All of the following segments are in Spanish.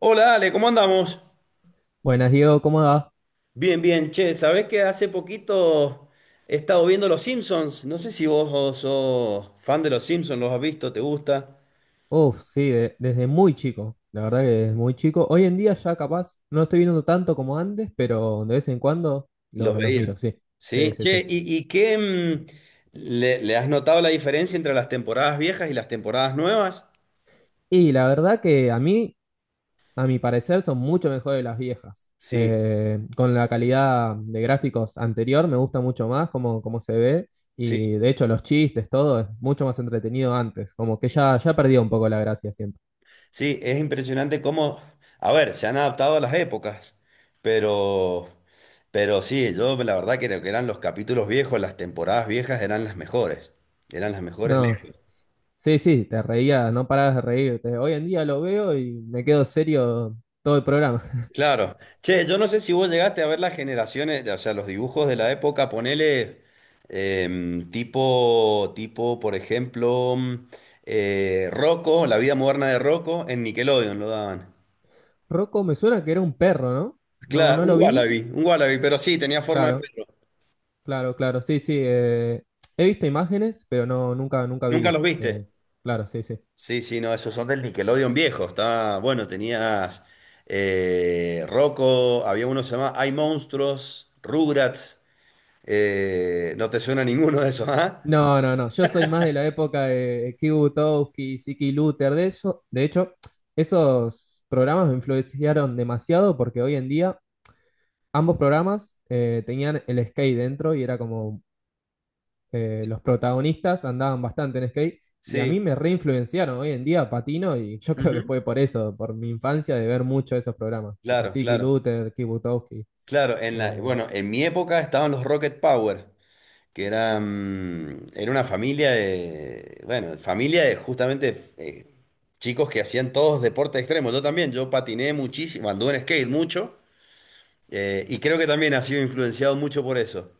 Hola Ale, ¿cómo andamos? Buenas, Diego, ¿cómo va? Bien, bien, che, ¿sabés que hace poquito he estado viendo Los Simpsons? No sé si vos sos fan de Los Simpsons, ¿los has visto? ¿Te gusta? Uf, sí, desde muy chico, la verdad que desde muy chico. Hoy en día ya capaz no lo estoy viendo tanto como antes, pero de vez en cuando ¿Los los miro, veías? sí. Sí, Sí, sí, che, sí. ¿y le has notado la diferencia entre las temporadas viejas y las temporadas nuevas? Y la verdad que a mí, a mi parecer, son mucho mejores las viejas. Sí, Con la calidad de gráficos anterior me gusta mucho más cómo, cómo se ve sí. y de hecho los chistes, todo es mucho más entretenido antes, como que ya, ya perdió un poco la gracia, siento. Sí, es impresionante cómo, a ver, se han adaptado a las épocas, pero, pero sí, yo la verdad creo que eran los capítulos viejos, las temporadas viejas eran las mejores No. lejos. Sí, sí, te reías, no parabas de reírte. Hoy en día lo veo y me quedo serio todo el programa. Claro. Che, yo no sé si vos llegaste a ver las generaciones, o sea, los dibujos de la época, ponele tipo, por ejemplo, Rocco, La vida moderna de Rocco, en Nickelodeon lo daban. Rocco me suena que era un perro, ¿no? No, Claro, no lo vi. Un Wallaby, pero sí, tenía forma de Claro, perro. claro, claro. Sí, sí. He visto imágenes, pero no, nunca, nunca ¿Nunca vi. los viste? Claro, sí, sí. Sí, sí, no, esos son del Nickelodeon viejo. Estaba, bueno, tenías Rocco, había uno que se llamaba Hay Monstruos, Rugrats. No te suena ninguno de esos, ¿ah? No, no, no. Yo soy más de la época de Kibutowski, Siki Luther, de eso. De hecho, esos programas me influenciaron demasiado porque hoy en día ambos programas tenían el skate dentro y era como los protagonistas andaban bastante en skate y a mí Sí. me reinfluenciaron hoy en día patino y yo creo que Ujú. fue por eso, por mi infancia de ver mucho esos programas, tipo Claro, Siki claro. Luther, Kibutowski. Claro, eh, bueno, en mi época estaban los Rocket Power, era una familia de, bueno, familia de justamente chicos que hacían todos deportes extremos. Yo también, yo patiné muchísimo, anduve en skate mucho. Y creo que también ha sido influenciado mucho por eso.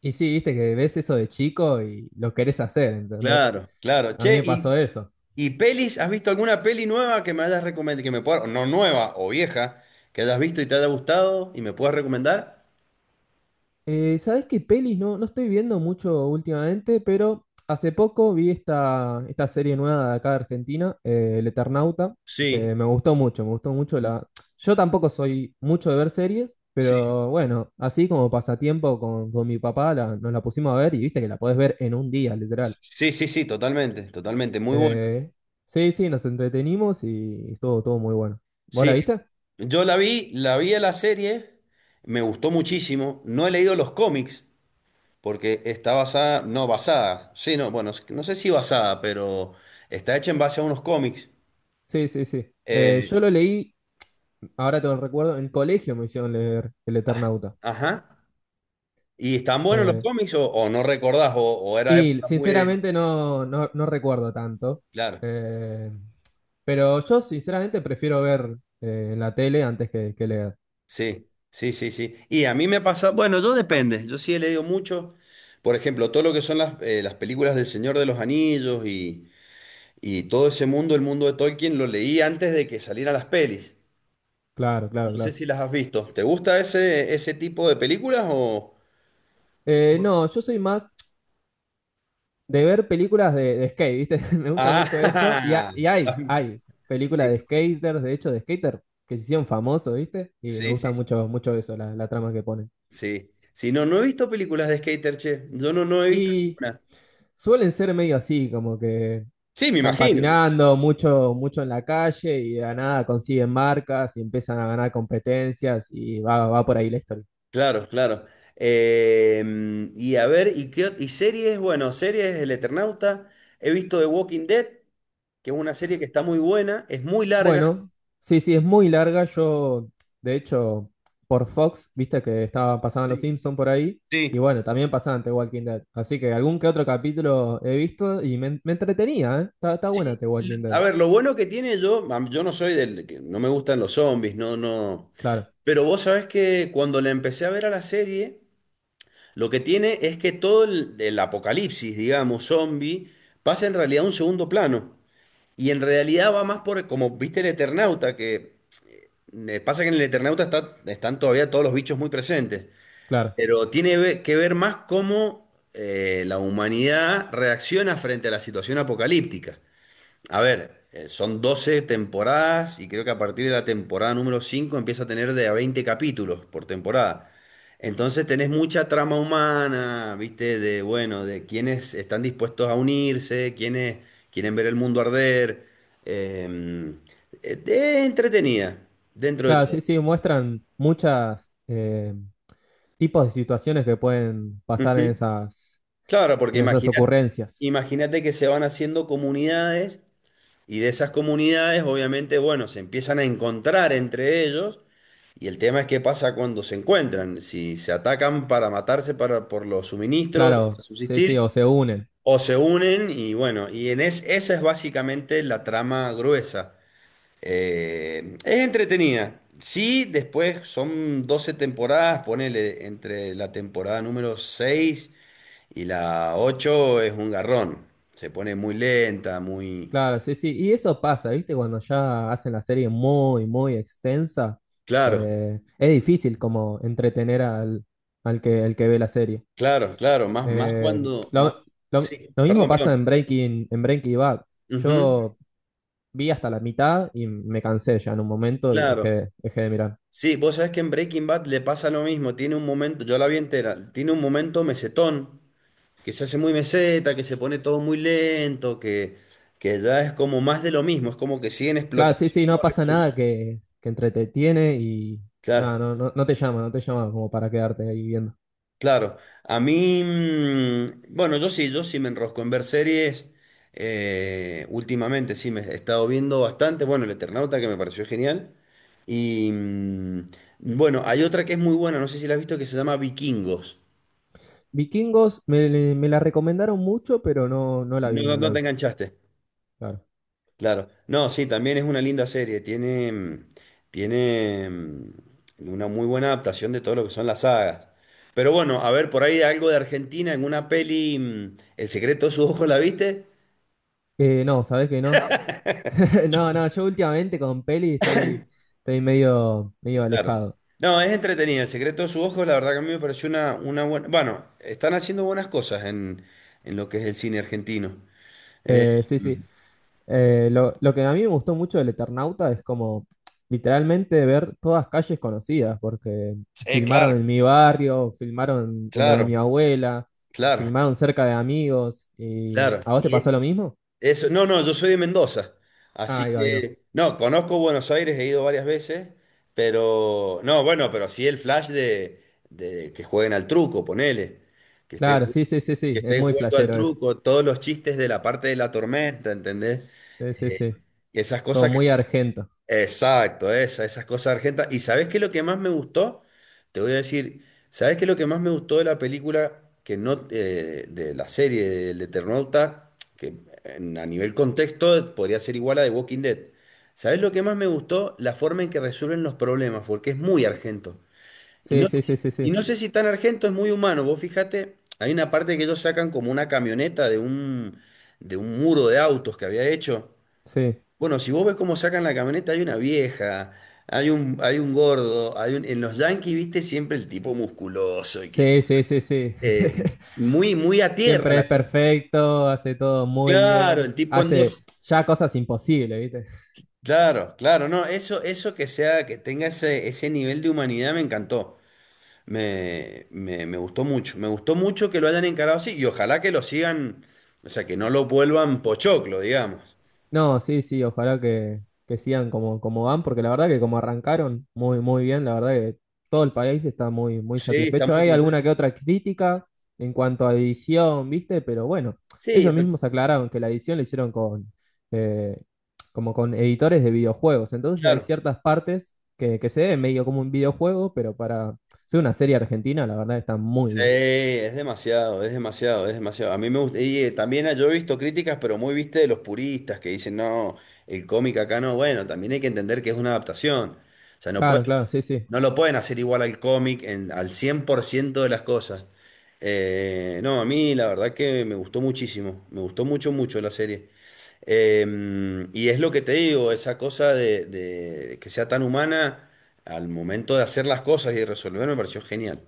y sí, viste que ves eso de chico y lo querés hacer, ¿entendés? Claro, claro. A mí Che, me pasó y, eso. y pelis, ¿has visto alguna peli nueva que me hayas recomendado, que me pueda, no nueva o vieja, que hayas visto y te haya gustado y me puedas recomendar? ¿Sabés qué pelis? No, no estoy viendo mucho últimamente, pero hace poco vi esta serie nueva de acá de Argentina, El Eternauta, Sí, que me gustó mucho la... Yo tampoco soy mucho de ver series, sí, pero bueno, así como pasatiempo con mi papá nos la pusimos a ver y viste que la podés ver en un día, literal. sí, sí, sí, totalmente, totalmente, muy bueno. Eh, sí, sí, nos entretenimos y estuvo todo muy bueno. ¿Vos la Sí, viste? yo la vi a la serie, me gustó muchísimo. No he leído los cómics porque está basada, no basada, sí, no, bueno, no sé si basada, pero está hecha en base a unos cómics. Sí, sí, sí. Eh, Yo lo leí, ahora tengo el recuerdo, en el colegio me hicieron leer El Eternauta. Ajá. ¿Y están buenos los Eh, cómics o, no recordás o, era Y época muy de... sinceramente no, no, no recuerdo tanto. Claro, Eh, pero yo sinceramente prefiero ver en la tele antes que leer. sí, sí, sí, sí. Y a mí me pasa, bueno, yo depende, yo sí he leído mucho, por ejemplo, todo lo que son las películas del Señor de los Anillos y todo ese mundo, el mundo de Tolkien, lo leí antes de que salieran las pelis. Claro, claro, No sé claro. si las has visto. ¿Te gusta ese tipo de películas o...? No, yo soy más de ver películas de skate, ¿viste? Me gusta mucho eso. Y, Ah, y hay películas sí, de skaters, de hecho, de skater, que se hicieron famosos, ¿viste? Y me sí, sí, gusta mucho, mucho eso, la trama que ponen. sí. Sí, no, no he visto películas de skater, che. Yo no he visto Y ninguna. suelen ser medio así, como que Sí, me están imagino. patinando mucho, mucho en la calle y de la nada consiguen marcas y empiezan a ganar competencias y va, va por ahí la historia. Claro, claro. Y a ver, ¿y series? Bueno, series El Eternauta. He visto The Walking Dead, que es una serie que está muy buena, es muy larga. Bueno, sí, sí, es muy larga. Yo, de hecho, por Fox, viste que estaba, pasaban los Sí, Simpsons por ahí. sí. Y bueno, también pasaban The Walking Dead. Así que algún que otro capítulo he visto y me entretenía, ¿eh? Está, está buena Sí, The Walking a Dead. ver, lo bueno que tiene yo, yo no soy del que no me gustan los zombies, no, no. Claro, Pero vos sabés que cuando la empecé a ver a la serie, lo que tiene es que todo el apocalipsis, digamos, zombie, pasa en realidad a un segundo plano. Y en realidad va más por, como viste el Eternauta, que pasa que en el Eternauta están todavía todos los bichos muy presentes, claro. pero tiene que ver más cómo la humanidad reacciona frente a la situación apocalíptica. A ver, son 12 temporadas y creo que a partir de la temporada número 5 empieza a tener de a 20 capítulos por temporada. Entonces tenés mucha trama humana, ¿viste? Bueno, de quienes están dispuestos a unirse, quienes quieren ver el mundo arder. eh, de entretenida, dentro de Claro, sí, todo. sí, muestran muchas tipos de situaciones que pueden pasar Ujú. Claro, porque en esas imagínate, ocurrencias. Que se van haciendo comunidades. Y de esas comunidades, obviamente, bueno, se empiezan a encontrar entre ellos. Y el tema es qué pasa cuando se encuentran, si se atacan para matarse para, por los suministros, para Claro, sí, sí, subsistir, o se unen. o se unen y bueno, y esa es básicamente la trama gruesa. Es entretenida. Sí, después son 12 temporadas, ponele entre la temporada número 6 y la 8 es un garrón. Se pone muy lenta, muy. Claro, sí, sí. Y eso pasa, ¿viste? Cuando ya hacen la serie muy, muy extensa, Claro, es difícil como entretener al, al que, el que ve la serie. claro, claro, más Eh, cuando, más, lo, sí, lo mismo perdón, pasa perdón. en Breaking Bad. Ujú, Yo vi hasta la mitad y me cansé ya en un momento y claro. dejé, dejé de mirar. Sí, vos sabés que en Breaking Bad le pasa lo mismo, tiene un momento, yo la vi entera, tiene un momento mesetón, que se hace muy meseta, que se pone todo muy lento, que ya es como más de lo mismo, es como que siguen Claro, explotando sí, el sí, no mismo pasa nada recurso. que, que entretiene y nada, Claro. no, no, no te llama, no te llama como para quedarte ahí viendo. Claro, a mí, bueno, yo sí, me enrosco en ver series. Últimamente sí me he estado viendo bastante. Bueno, El Eternauta que me pareció genial. Y bueno, hay otra que es muy buena, no sé si la has visto, que se llama Vikingos. Vikingos me, me la recomendaron mucho, pero no, no la No, vi, no, no la no te vi, enganchaste. claro. Claro. No, sí, también es una linda serie. Tiene una muy buena adaptación de todo lo que son las sagas. Pero bueno, a ver, por ahí algo de Argentina en una peli, El secreto de sus ojos, ¿la viste? No, ¿sabés que no? No, no, yo últimamente con peli estoy, estoy medio, medio Claro. alejado. No, es entretenido. El secreto de sus ojos, la verdad que a mí me pareció una buena. Bueno, están haciendo buenas cosas en lo que es el cine argentino. Sí, sí. Lo, que a mí me gustó mucho del Eternauta es como literalmente ver todas calles conocidas, porque Sí, filmaron claro. en mi barrio, filmaron en lo de Claro, mi abuela, claro, filmaron cerca de amigos. Y... claro. ¿A vos te Y pasó lo mismo? eso, no, no, yo soy de Mendoza. Ah, Así ahí va, ahí va. que, no, conozco Buenos Aires, he ido varias veces, pero, no, bueno, pero sí el flash de que jueguen al truco, ponele. Que estén, Claro, ju- sí, sí, sí, que sí, es estén muy jugando al flashero eso. truco, todos los chistes de la parte de la tormenta, ¿entendés? Sí, sí, Eh, sí. esas Todo cosas muy argento. Exacto, esas cosas argentas. ¿Y sabes qué es lo que más me gustó? Te voy a decir, ¿sabes qué es lo que más me gustó de la película, que no, de la serie del Eternauta, que a nivel contexto podría ser igual a The Walking Dead? ¿Sabes lo que más me gustó? La forma en que resuelven los problemas, porque es muy argento. Y Sí, no, sé sí, sí, si- sí, y sí. no sé si tan argento es muy humano. Vos fíjate, hay una parte que ellos sacan como una camioneta de un muro de autos que había hecho. Sí, Bueno, si vos ves cómo sacan la camioneta, hay una vieja, hay un gordo, en los Yankees, viste, siempre el tipo musculoso y que sí, sí, sí, sí. eh, muy, muy a tierra Siempre es perfecto, hace todo muy Claro, el bien, tipo en hace dos. ya cosas imposibles, ¿viste? Claro, claro, no, eso que sea, que tenga ese nivel de humanidad me encantó. Me gustó mucho. Me gustó mucho que lo hayan encarado así y ojalá que lo sigan, o sea, que no lo vuelvan pochoclo, digamos. No, sí, sí, ojalá que sigan como, como van, porque la verdad que como arrancaron muy, muy bien, la verdad que todo el país está muy, muy Sí, está satisfecho. muy Hay alguna contento. que otra crítica en cuanto a edición, ¿viste? Pero bueno, Sí, ellos mismos aclararon que la edición la hicieron con, eh, como con editores de videojuegos. Entonces hay claro. ciertas partes que se ven medio como un videojuego, pero para ser una serie argentina, la verdad está muy Sí, bien. es demasiado, es demasiado, es demasiado. A mí me gusta, y también yo he visto críticas, pero muy viste de los puristas que dicen, no, el cómic acá no, bueno, también hay que entender que es una adaptación. O sea, Claro, claro, sí, sí. no lo pueden hacer igual al cómic al 100% de las cosas. No, a mí la verdad que me gustó muchísimo, me gustó mucho, mucho la serie. Y es lo que te digo, esa cosa de que sea tan humana al momento de hacer las cosas y de resolver me pareció genial.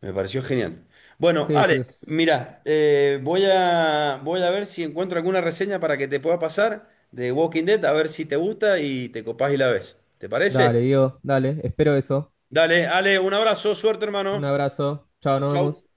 Me pareció genial. Bueno, Sí, Ale, sí, es. mira, voy a, ver si encuentro alguna reseña para que te pueda pasar de Walking Dead, a ver si te gusta y te copás y la ves. ¿Te Dale, parece? Diego, dale, espero eso. Dale, Ale, un abrazo, suerte, Un hermano. abrazo. Chao, Chau, nos chau. vemos.